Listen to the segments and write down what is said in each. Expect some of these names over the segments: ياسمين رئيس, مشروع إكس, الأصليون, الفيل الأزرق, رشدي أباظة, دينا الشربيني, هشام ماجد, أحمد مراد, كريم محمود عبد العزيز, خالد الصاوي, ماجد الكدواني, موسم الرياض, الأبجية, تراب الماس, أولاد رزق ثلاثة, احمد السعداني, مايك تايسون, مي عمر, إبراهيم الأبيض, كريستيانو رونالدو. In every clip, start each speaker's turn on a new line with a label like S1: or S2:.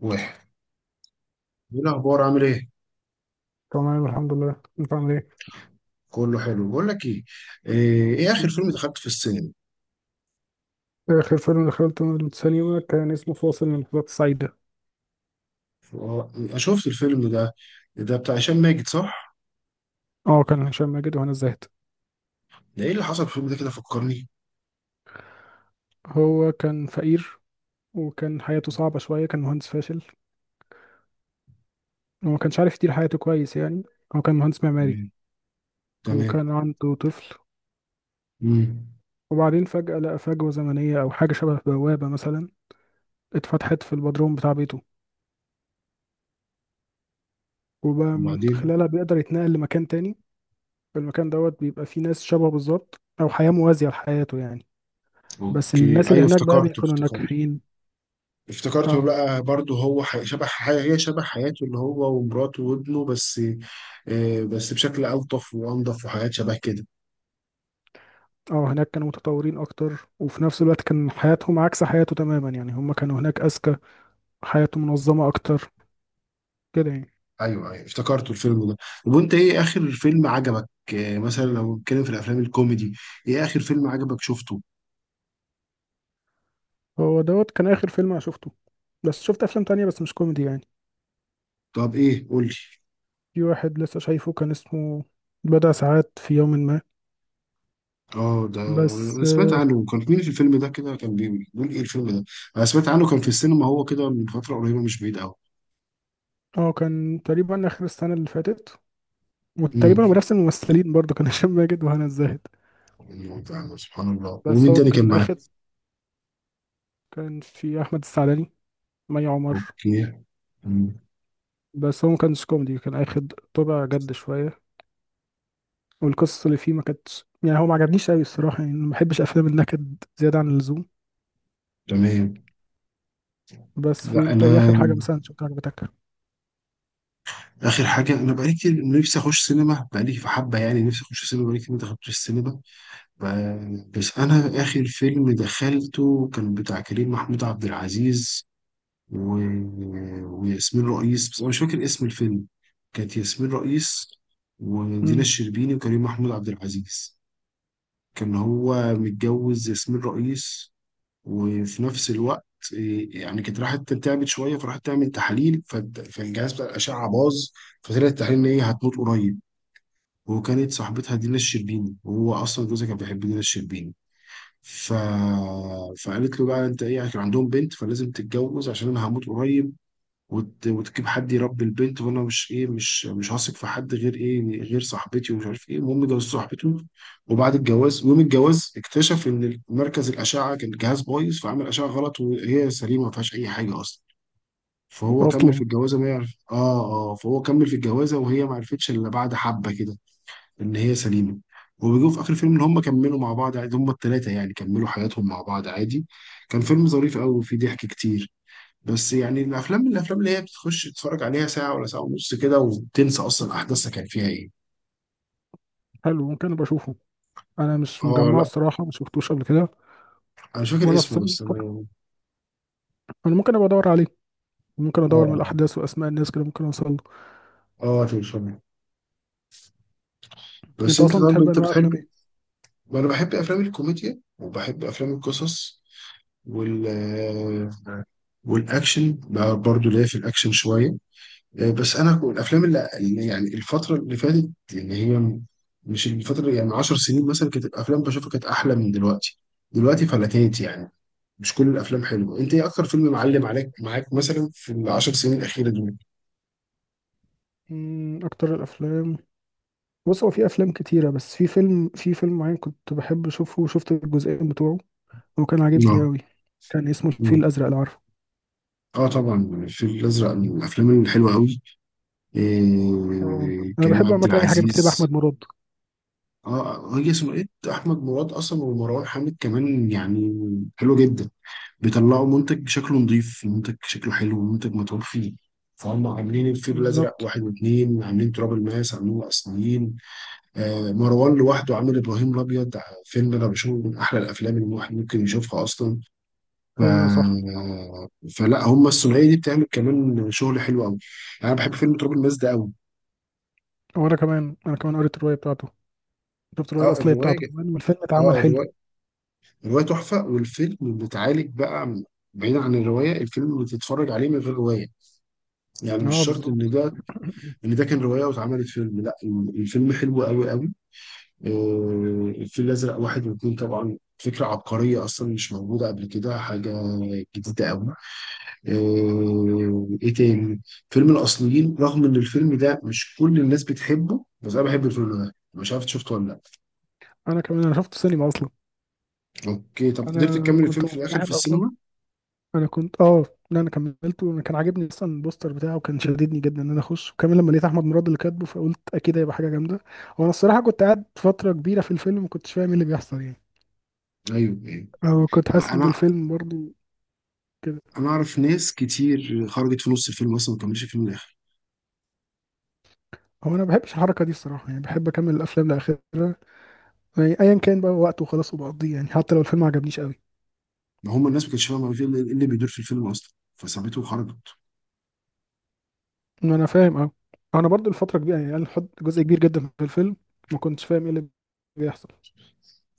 S1: واحد. ايه الاخبار، عامل ايه؟
S2: تمام الحمد لله، انت عامل ايه؟
S1: كله حلو. بقول لك ايه، إيه اخر
S2: مم.
S1: فيلم دخلت في السينما؟
S2: اخر فيلم دخلته السينما كان اسمه فاصل من اللحظات السعيده.
S1: آه، أنا شفت الفيلم ده. ده بتاع هشام ماجد، صح؟
S2: اه، كان هشام ماجد وهنا الزاهد.
S1: ده ايه اللي حصل في الفيلم ده؟ كده فكرني.
S2: هو كان فقير، وكان حياته صعبه شويه، كان مهندس فاشل وما كانش عارف يدير حياته كويس يعني. هو كان مهندس معماري
S1: تمام. تمام.
S2: وكان عنده طفل.
S1: امم.
S2: وبعدين فجاه لقى فجوه زمنيه او حاجه شبه بوابه مثلا اتفتحت في البدروم بتاع بيته، وبقى من
S1: وبعدين؟
S2: خلالها بيقدر يتنقل لمكان تاني. المكان دوت بيبقى فيه ناس شبهه بالظبط، او حياه موازيه لحياته يعني. بس
S1: اوكي،
S2: الناس اللي
S1: ايوه،
S2: هناك بقى بيكونوا ناجحين.
S1: افتكرته
S2: اه.
S1: بقى. برضه هو هي شبه حياته، اللي هو ومراته وابنه بس. آه، بس بشكل الطف وانضف وحاجات شبه كده.
S2: اه، هناك كانوا متطورين اكتر، وفي نفس الوقت كان حياتهم عكس حياته تماما يعني، هم كانوا هناك اذكى، حياته منظمة اكتر، كده يعني.
S1: ايوه ايوه، افتكرته الفيلم ده. طب وانت، ايه اخر فيلم عجبك؟ آه، مثلا لو بنتكلم في الافلام الكوميدي، ايه اخر فيلم عجبك شفته؟
S2: هو دوت كان اخر فيلم انا شفته، بس شفت افلام تانية بس مش كوميدي يعني.
S1: طب ايه، قول لي.
S2: في واحد لسه شايفه كان اسمه بضع ساعات في يوم ما.
S1: اه، ده
S2: بس،
S1: انا سمعت
S2: اه.
S1: عنه. كان مين في الفيلم ده كده؟ كان بيقول ايه الفيلم ده. انا سمعت عنه، كان في السينما هو كده من فتره قريبه، مش بعيد قوي.
S2: آه، كان تقريبا اخر السنة اللي فاتت،
S1: امم.
S2: وتقريبا هو بنفس الممثلين برضه، كان هشام ماجد وهنا الزاهد.
S1: أيوة، فعلا، سبحان الله.
S2: بس
S1: ومين
S2: هو
S1: تاني كان
S2: كان
S1: معاك؟
S2: اخر. كان في احمد السعداني، مي عمر.
S1: اوكي. أمم.
S2: بس هو ما كانش كوميدي، كان اخد طابع جد شويه، والقصص اللي فيه ما كانتش، يعني هو ما عجبنيش قوي الصراحه يعني، ما بحبش افلام النكد زياده عن اللزوم.
S1: تمام.
S2: بس في،
S1: لا
S2: انت ايه
S1: انا،
S2: اخر حاجه مثلا شفتها عجبتك؟
S1: اخر حاجه انا بقالي كتير نفسي اخش سينما، بقالي في حبه يعني، نفسي اخش سينما، بقالي كتير ما دخلتش السينما. بس انا اخر فيلم دخلته كان بتاع كريم محمود عبد العزيز و... وياسمين رئيس، بس انا مش فاكر اسم الفيلم. كانت ياسمين رئيس ودينا
S2: امم.
S1: الشربيني وكريم محمود عبد العزيز. كان هو متجوز ياسمين رئيس، وفي نفس الوقت إيه، يعني كانت راحت تعبت شويه، فراحت تعمل تحاليل فالجهاز بتاع الاشعه باظ، فطلع التحاليل ان هي هتموت قريب. وكانت صاحبتها دينا الشربيني، وهو اصلا جوزها كان بيحب دينا الشربيني. ف... فقالت له بقى، انت ايه يعني، كان عندهم بنت، فلازم تتجوز عشان انا هموت قريب، وتجيب حد يربي البنت، وانا مش ايه، مش مش هثق في حد غير ايه، غير صاحبتي ومش عارف ايه. المهم جوزت صاحبته. وبعد الجواز، يوم الجواز، اكتشف ان مركز الاشعه كان الجهاز بايظ، فعمل اشعه غلط، وهي سليمه ما فيهاش اي حاجه اصلا. فهو كمل في
S2: اصلا.
S1: الجوازه ما يعرف. اه، اه، فهو كمل في الجوازه، وهي ما عرفتش الا بعد حبه كده ان هي سليمه. وبيجوا في اخر الفيلم ان هم كملوا مع بعض عادي، هم الثلاثه، يعني كملوا حياتهم مع بعض عادي. كان فيلم ظريف قوي، وفيه ضحك كتير. بس يعني الافلام من الافلام اللي هي بتخش تتفرج عليها ساعه ولا ساعه ونص كده، وتنسى اصلا احداثها كان فيها ايه.
S2: حلو، ممكن ابقى اشوفه. انا مش
S1: اه
S2: مجمعه
S1: لا،
S2: الصراحه، ما شفتوش قبل كده.
S1: انا مش فاكر
S2: وانا
S1: اسمه،
S2: الصراحه،
S1: بس انا يعني.
S2: انا ممكن ابقى ادور عليه، ممكن ادور من
S1: اه،
S2: الاحداث واسماء الناس كده ممكن اوصل له.
S1: اه، اه، تلفزيون. بس
S2: انت
S1: انت،
S2: اصلا
S1: طب
S2: بتحب
S1: انت
S2: انواع افلام
S1: بتحب،
S2: ايه؟
S1: انا بحب افلام الكوميديا، وبحب افلام القصص، وال والاكشن بقى برضو ليا في الاكشن شويه. آه، بس انا الافلام اللي يعني الفتره اللي فاتت، اللي هي مش الفتره يعني، من 10 سنين مثلا، كانت الافلام بشوفها كانت احلى من دلوقتي. دلوقتي فلتات يعني، مش كل الافلام حلوه. انت ايه اكتر فيلم معلم عليك معاك مثلا في العشر سنين الاخيره دول؟
S2: اكتر الافلام، بص هو في افلام كتيره، بس في فيلم معين كنت بحب اشوفه وشفت الجزئين بتوعه. هو كان عاجبني
S1: اه.
S2: أوي، كان اسمه الفيل
S1: اه.
S2: الأزرق لو عارفه.
S1: آه طبعا، الفيل الازرق من الافلام الحلوه قوي.
S2: اه.
S1: إيه،
S2: أنا
S1: كريم
S2: بحب
S1: عبد
S2: عامة أي حاجة بيكتبها
S1: العزيز.
S2: أحمد مراد.
S1: اه، هي ثنائيه احمد مراد اصلا، ومروان حامد كمان يعني. حلوه جدا. بيطلعوا منتج شكله نظيف، منتج شكله حلو، منتج متعوب فيه. فهم عاملين الفيل الازرق
S2: بالظبط.
S1: واحد واثنين، عاملين تراب الماس، عاملين الاصليين. آه، مروان لوحده عامل ابراهيم الابيض. فيلم انا بشوفه من احلى الافلام اللي الواحد ممكن يشوفها اصلا. ف...
S2: أيوه صح.
S1: فلا، هم الثنائيه دي بتعمل كمان شغل حلو قوي. يعني انا بحب فيلم تراب الماس ده قوي.
S2: وأنا كمان قريت الرواية بتاعته، شفت الرواية
S1: اه
S2: الأصلية
S1: الروايه
S2: بتاعته
S1: ج-
S2: كمان، والفيلم اتعمل
S1: اه
S2: حلو.
S1: الروايه، الروايه تحفه، والفيلم بتعالج بقى بعيدا عن الروايه. الفيلم بتتفرج عليه من غير روايه، يعني مش
S2: أه
S1: شرط ان
S2: بالظبط.
S1: ده، ان ده كان روايه واتعملت فيلم، لا. الفيلم حلو قوي قوي. آه، الفيل الازرق واحد واثنين طبعا فكره عبقريه، اصلا مش موجوده قبل كده، حاجه جديده قوي. آه، ايه تاني. فيلم الاصليين، رغم ان الفيلم ده مش كل الناس بتحبه، بس انا بحب الفيلم ده. مش عارف إنت شفته ولا لا.
S2: أنا كمان أنا شفته سينما أصلا.
S1: اوكي، طب قدرت
S2: أنا
S1: تكمل
S2: كنت
S1: الفيلم في الاخر في
S2: منبهر أصلا.
S1: السينما؟
S2: أنا كنت أه لا، أنا كملته، أنا كان عاجبني أصلا البوستر بتاعه، وكان شددني جدا إن أنا أخش، وكمان لما لقيت أحمد مراد اللي كاتبه فقلت أكيد هيبقى حاجة جامدة. وأنا الصراحة كنت قاعد فترة كبيرة في الفيلم ما كنتش فاهم إيه اللي بيحصل يعني،
S1: ايوه ايوه.
S2: أو كنت حاسس
S1: ما
S2: إن
S1: انا
S2: الفيلم برضه كده.
S1: انا اعرف ناس كتير خرجت في نص الفيلم اصلا، ما كملتش الفيلم للاخر.
S2: هو انا ما بحبش الحركه دي الصراحه يعني، بحب اكمل الافلام لاخرها، يعني ايا كان بقى وقته، وخلاص وبقضيه يعني، حتى لو الفيلم ما عجبنيش قوي.
S1: ما هم الناس ما كانتش فاهمه إيه اللي بيدور في الفيلم اصلا، فسابته وخرجت.
S2: انا فاهم، اه. انا برضو الفتره كبيره يعني، انا حط جزء كبير جدا في الفيلم ما كنتش فاهم ايه اللي بيحصل.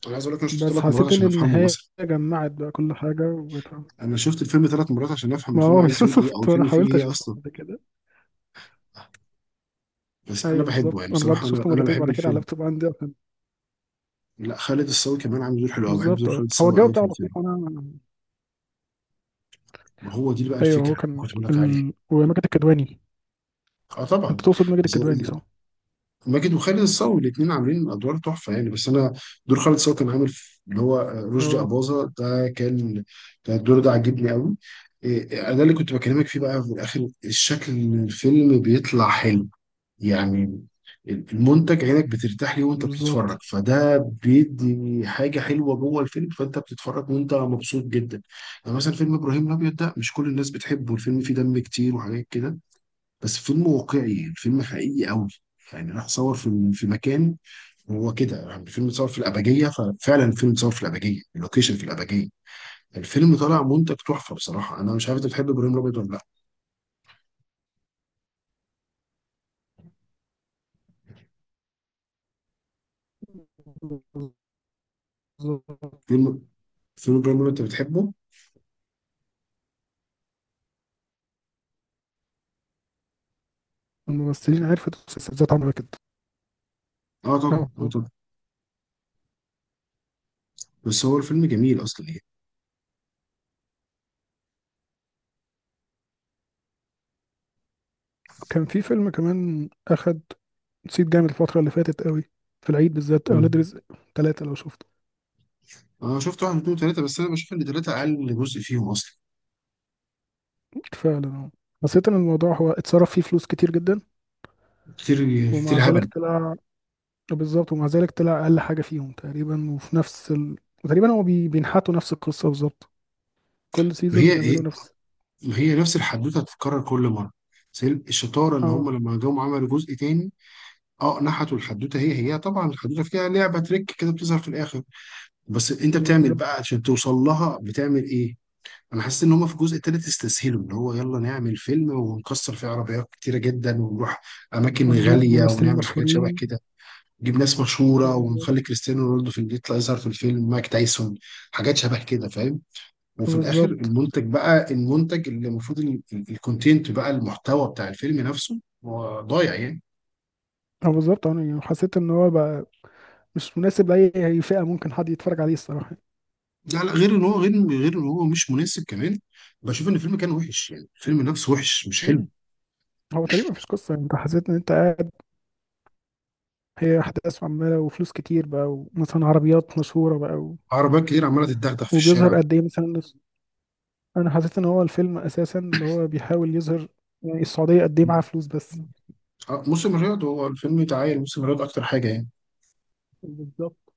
S1: انا عايز اقول لك، انا شفته
S2: بس
S1: ثلاث مرات
S2: حسيت ان
S1: عشان افهمه
S2: النهايه
S1: مثلا.
S2: جمعت بقى كل حاجه وبقيت فاهم.
S1: انا شفت الفيلم ثلاث مرات عشان افهم
S2: ما
S1: الفيلم
S2: هو
S1: عايز يقول ايه، او
S2: بالظبط، وانا
S1: الفيلم فيه
S2: حاولت
S1: ايه
S2: اشوفه
S1: اصلا.
S2: بعد كده.
S1: بس انا
S2: ايوه
S1: بحبه
S2: بالظبط،
S1: يعني،
S2: انا برضو
S1: بصراحه، انا
S2: شفته
S1: انا
S2: مرتين
S1: بحب
S2: بعد كده على
S1: الفيلم.
S2: اللابتوب عندي عشان-
S1: لا، خالد الصاوي كمان عامل دور حلو قوي، بحب دور
S2: بالظبط. اه،
S1: خالد
S2: هو
S1: الصاوي
S2: الجو
S1: قوي في
S2: بتاعه
S1: الفيلم.
S2: لطيف، وانا
S1: وهو دي بقى
S2: ايوه،
S1: الفكره
S2: هو
S1: اللي
S2: كان
S1: كنت بقول لك عليها.
S2: وماجد الكدواني.
S1: اه طبعا.
S2: انت تقصد ماجد الكدواني، صح؟
S1: ماجد وخالد الصاوي الاثنين عاملين ادوار تحفه يعني. بس انا، دور خالد الصاوي كان عامل اللي هو رشدي
S2: اه
S1: اباظه، ده كان، كان الدور ده عاجبني قوي. إيه، انا اللي كنت بكلمك فيه بقى في الاخر، الشكل إن الفيلم بيطلع حلو يعني. المنتج، عينك بترتاح ليه وانت بتتفرج،
S2: بالظبط.
S1: فده بيدي حاجه حلوه جوه الفيلم، فانت بتتفرج وانت مبسوط جدا. يعني مثلا فيلم ابراهيم الابيض، ده مش كل الناس بتحبه، الفيلم فيه دم كتير وحاجات كده، بس فيلم واقعي، الفيلم حقيقي قوي. يعني راح صور في مكان، هو كده يعني، الفيلم اتصور في الأبجية. ففعلا الفيلم اتصور في الأبجية، اللوكيشن في الأبجية. الفيلم طالع منتج تحفة، بصراحة أنا مش عارف أنت بتحب إبراهيم الأبيض ولا لأ.
S2: بالظبط.
S1: فيلم، فيلم إبراهيم الأبيض، أنت بتحبه؟
S2: الممثلين عرفت السلسلة ذات عمرها كده.
S1: أه
S2: اه،
S1: طبعا، أه طبعا. بس هو الفيلم جميل أصلا يعني.
S2: كان في فيلم كمان أخد صيت جامد الفترة اللي فاتت قوي، في العيد بالذات، أولاد
S1: مم.
S2: رزق ثلاثة لو شفته.
S1: أنا شفت واحد اتنين تلاتة، بس أنا بشوف إن تلاتة أقل جزء فيهم أصلا.
S2: فعلا اه. حسيت إن الموضوع هو اتصرف فيه فلوس كتير جدا،
S1: كتير.
S2: ومع
S1: كتير
S2: ذلك
S1: هبل.
S2: طلع. بالظبط، ومع ذلك طلع أقل حاجة فيهم تقريبا، وفي نفس تقريبا هو بينحتوا نفس القصة بالظبط. كل
S1: هي
S2: سيزون
S1: هي،
S2: يعملوا نفس.
S1: هي نفس الحدوتة هتتكرر كل مرة. بس هي الشطارة، إن
S2: اه
S1: هم لما جم عملوا جزء تاني. اه، نحتوا الحدوته هي هي. طبعا الحدوته فيها لعبه تريك كده بتظهر في الاخر، بس انت بتعمل بقى
S2: بالظبط،
S1: عشان توصل لها بتعمل ايه. انا حاسس ان هم في الجزء التالت استسهلوا، اللي هو يلا نعمل فيلم ونكسر فيه عربيات كتيره جدا، ونروح اماكن
S2: ونجيب
S1: غاليه،
S2: ممثلين
S1: ونعمل حاجات شبه
S2: مشهورين.
S1: كده. نجيب ناس مشهوره، ونخلي كريستيانو رونالدو في اللي يطلع يظهر في الفيلم، مايك تايسون، حاجات شبه كده، فاهم. وفي الاخر
S2: بالظبط.
S1: المنتج بقى، المنتج اللي المفروض، الكونتنت بقى، المحتوى بتاع الفيلم نفسه هو ضايع يعني.
S2: اه بالظبط، انا يعني حسيت ان هو بقى مش مناسب لأي أي فئة ممكن حد يتفرج عليه الصراحة.
S1: لا لا، غير ان هو، غير ان هو مش مناسب كمان، بشوف ان الفيلم كان وحش يعني، الفيلم نفسه وحش مش حلو.
S2: مم. هو تقريبا مفيش قصة يعني، انت حسيت ان انت قاعد- هي أحداث عمالة وفلوس كتير بقى، ومثلا عربيات مشهورة بقى
S1: عربيات كتير عماله تتدغدغ في
S2: وبيظهر
S1: الشارع.
S2: قد ايه مثلا. انا حسيت ان هو الفيلم اساسا اللي هو بيحاول يظهر يعني السعودية قد ايه معاها فلوس بس.
S1: آه، موسم الرياض، هو الفيلم اتعايل موسم الرياض اكتر حاجه يعني.
S2: بالظبط،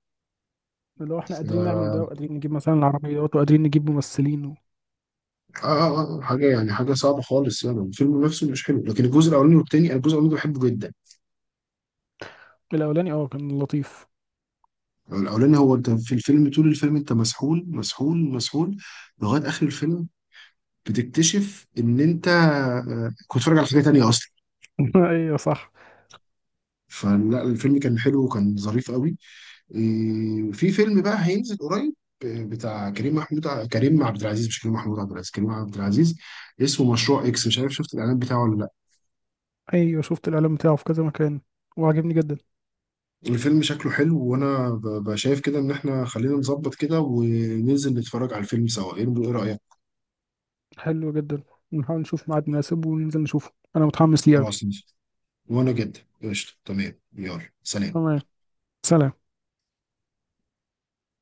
S2: اللي هو احنا قادرين نعمل ده،
S1: آه،
S2: وقادرين نجيب مثلا العربيات، وقادرين نجيب ممثلين
S1: آه، آه، حاجه يعني، حاجه صعبه خالص يعني، الفيلم نفسه مش حلو، لكن الجزء الاولاني والتاني، أنا الجزء الاولاني ده بحبه جدا.
S2: الاولاني، اه كان لطيف.
S1: الاولاني، هو انت في الفيلم، طول الفيلم انت مسحول مسحول مسحول لغايه اخر الفيلم، بتكتشف ان انت آه، كنت بتتفرج على حاجه تانيه اصلا.
S2: ايوه صح.
S1: فلا، الفيلم كان حلو وكان ظريف قوي. إيه، في فيلم بقى هينزل قريب. آه، بتاع كريم عبد العزيز، مش كريم محمود عبد العزيز، كريم عبد العزيز. اسمه مشروع اكس، مش عارف شفت الاعلان بتاعه ولا لا.
S2: ايوه شفت الاعلان بتاعه في كذا مكان وعجبني جدا.
S1: الفيلم شكله حلو، وانا شايف كده ان احنا خلينا نظبط كده وننزل نتفرج على الفيلم سوا، ايه، إيه رأيك؟
S2: حلو جدا، نحاول نشوف ميعاد مناسب وننزل نشوفه، انا متحمس ليه أوي.
S1: خلاص ننزل. وانا جدا. قشطة، تمام، يلا سلام.
S2: تمام، سلام.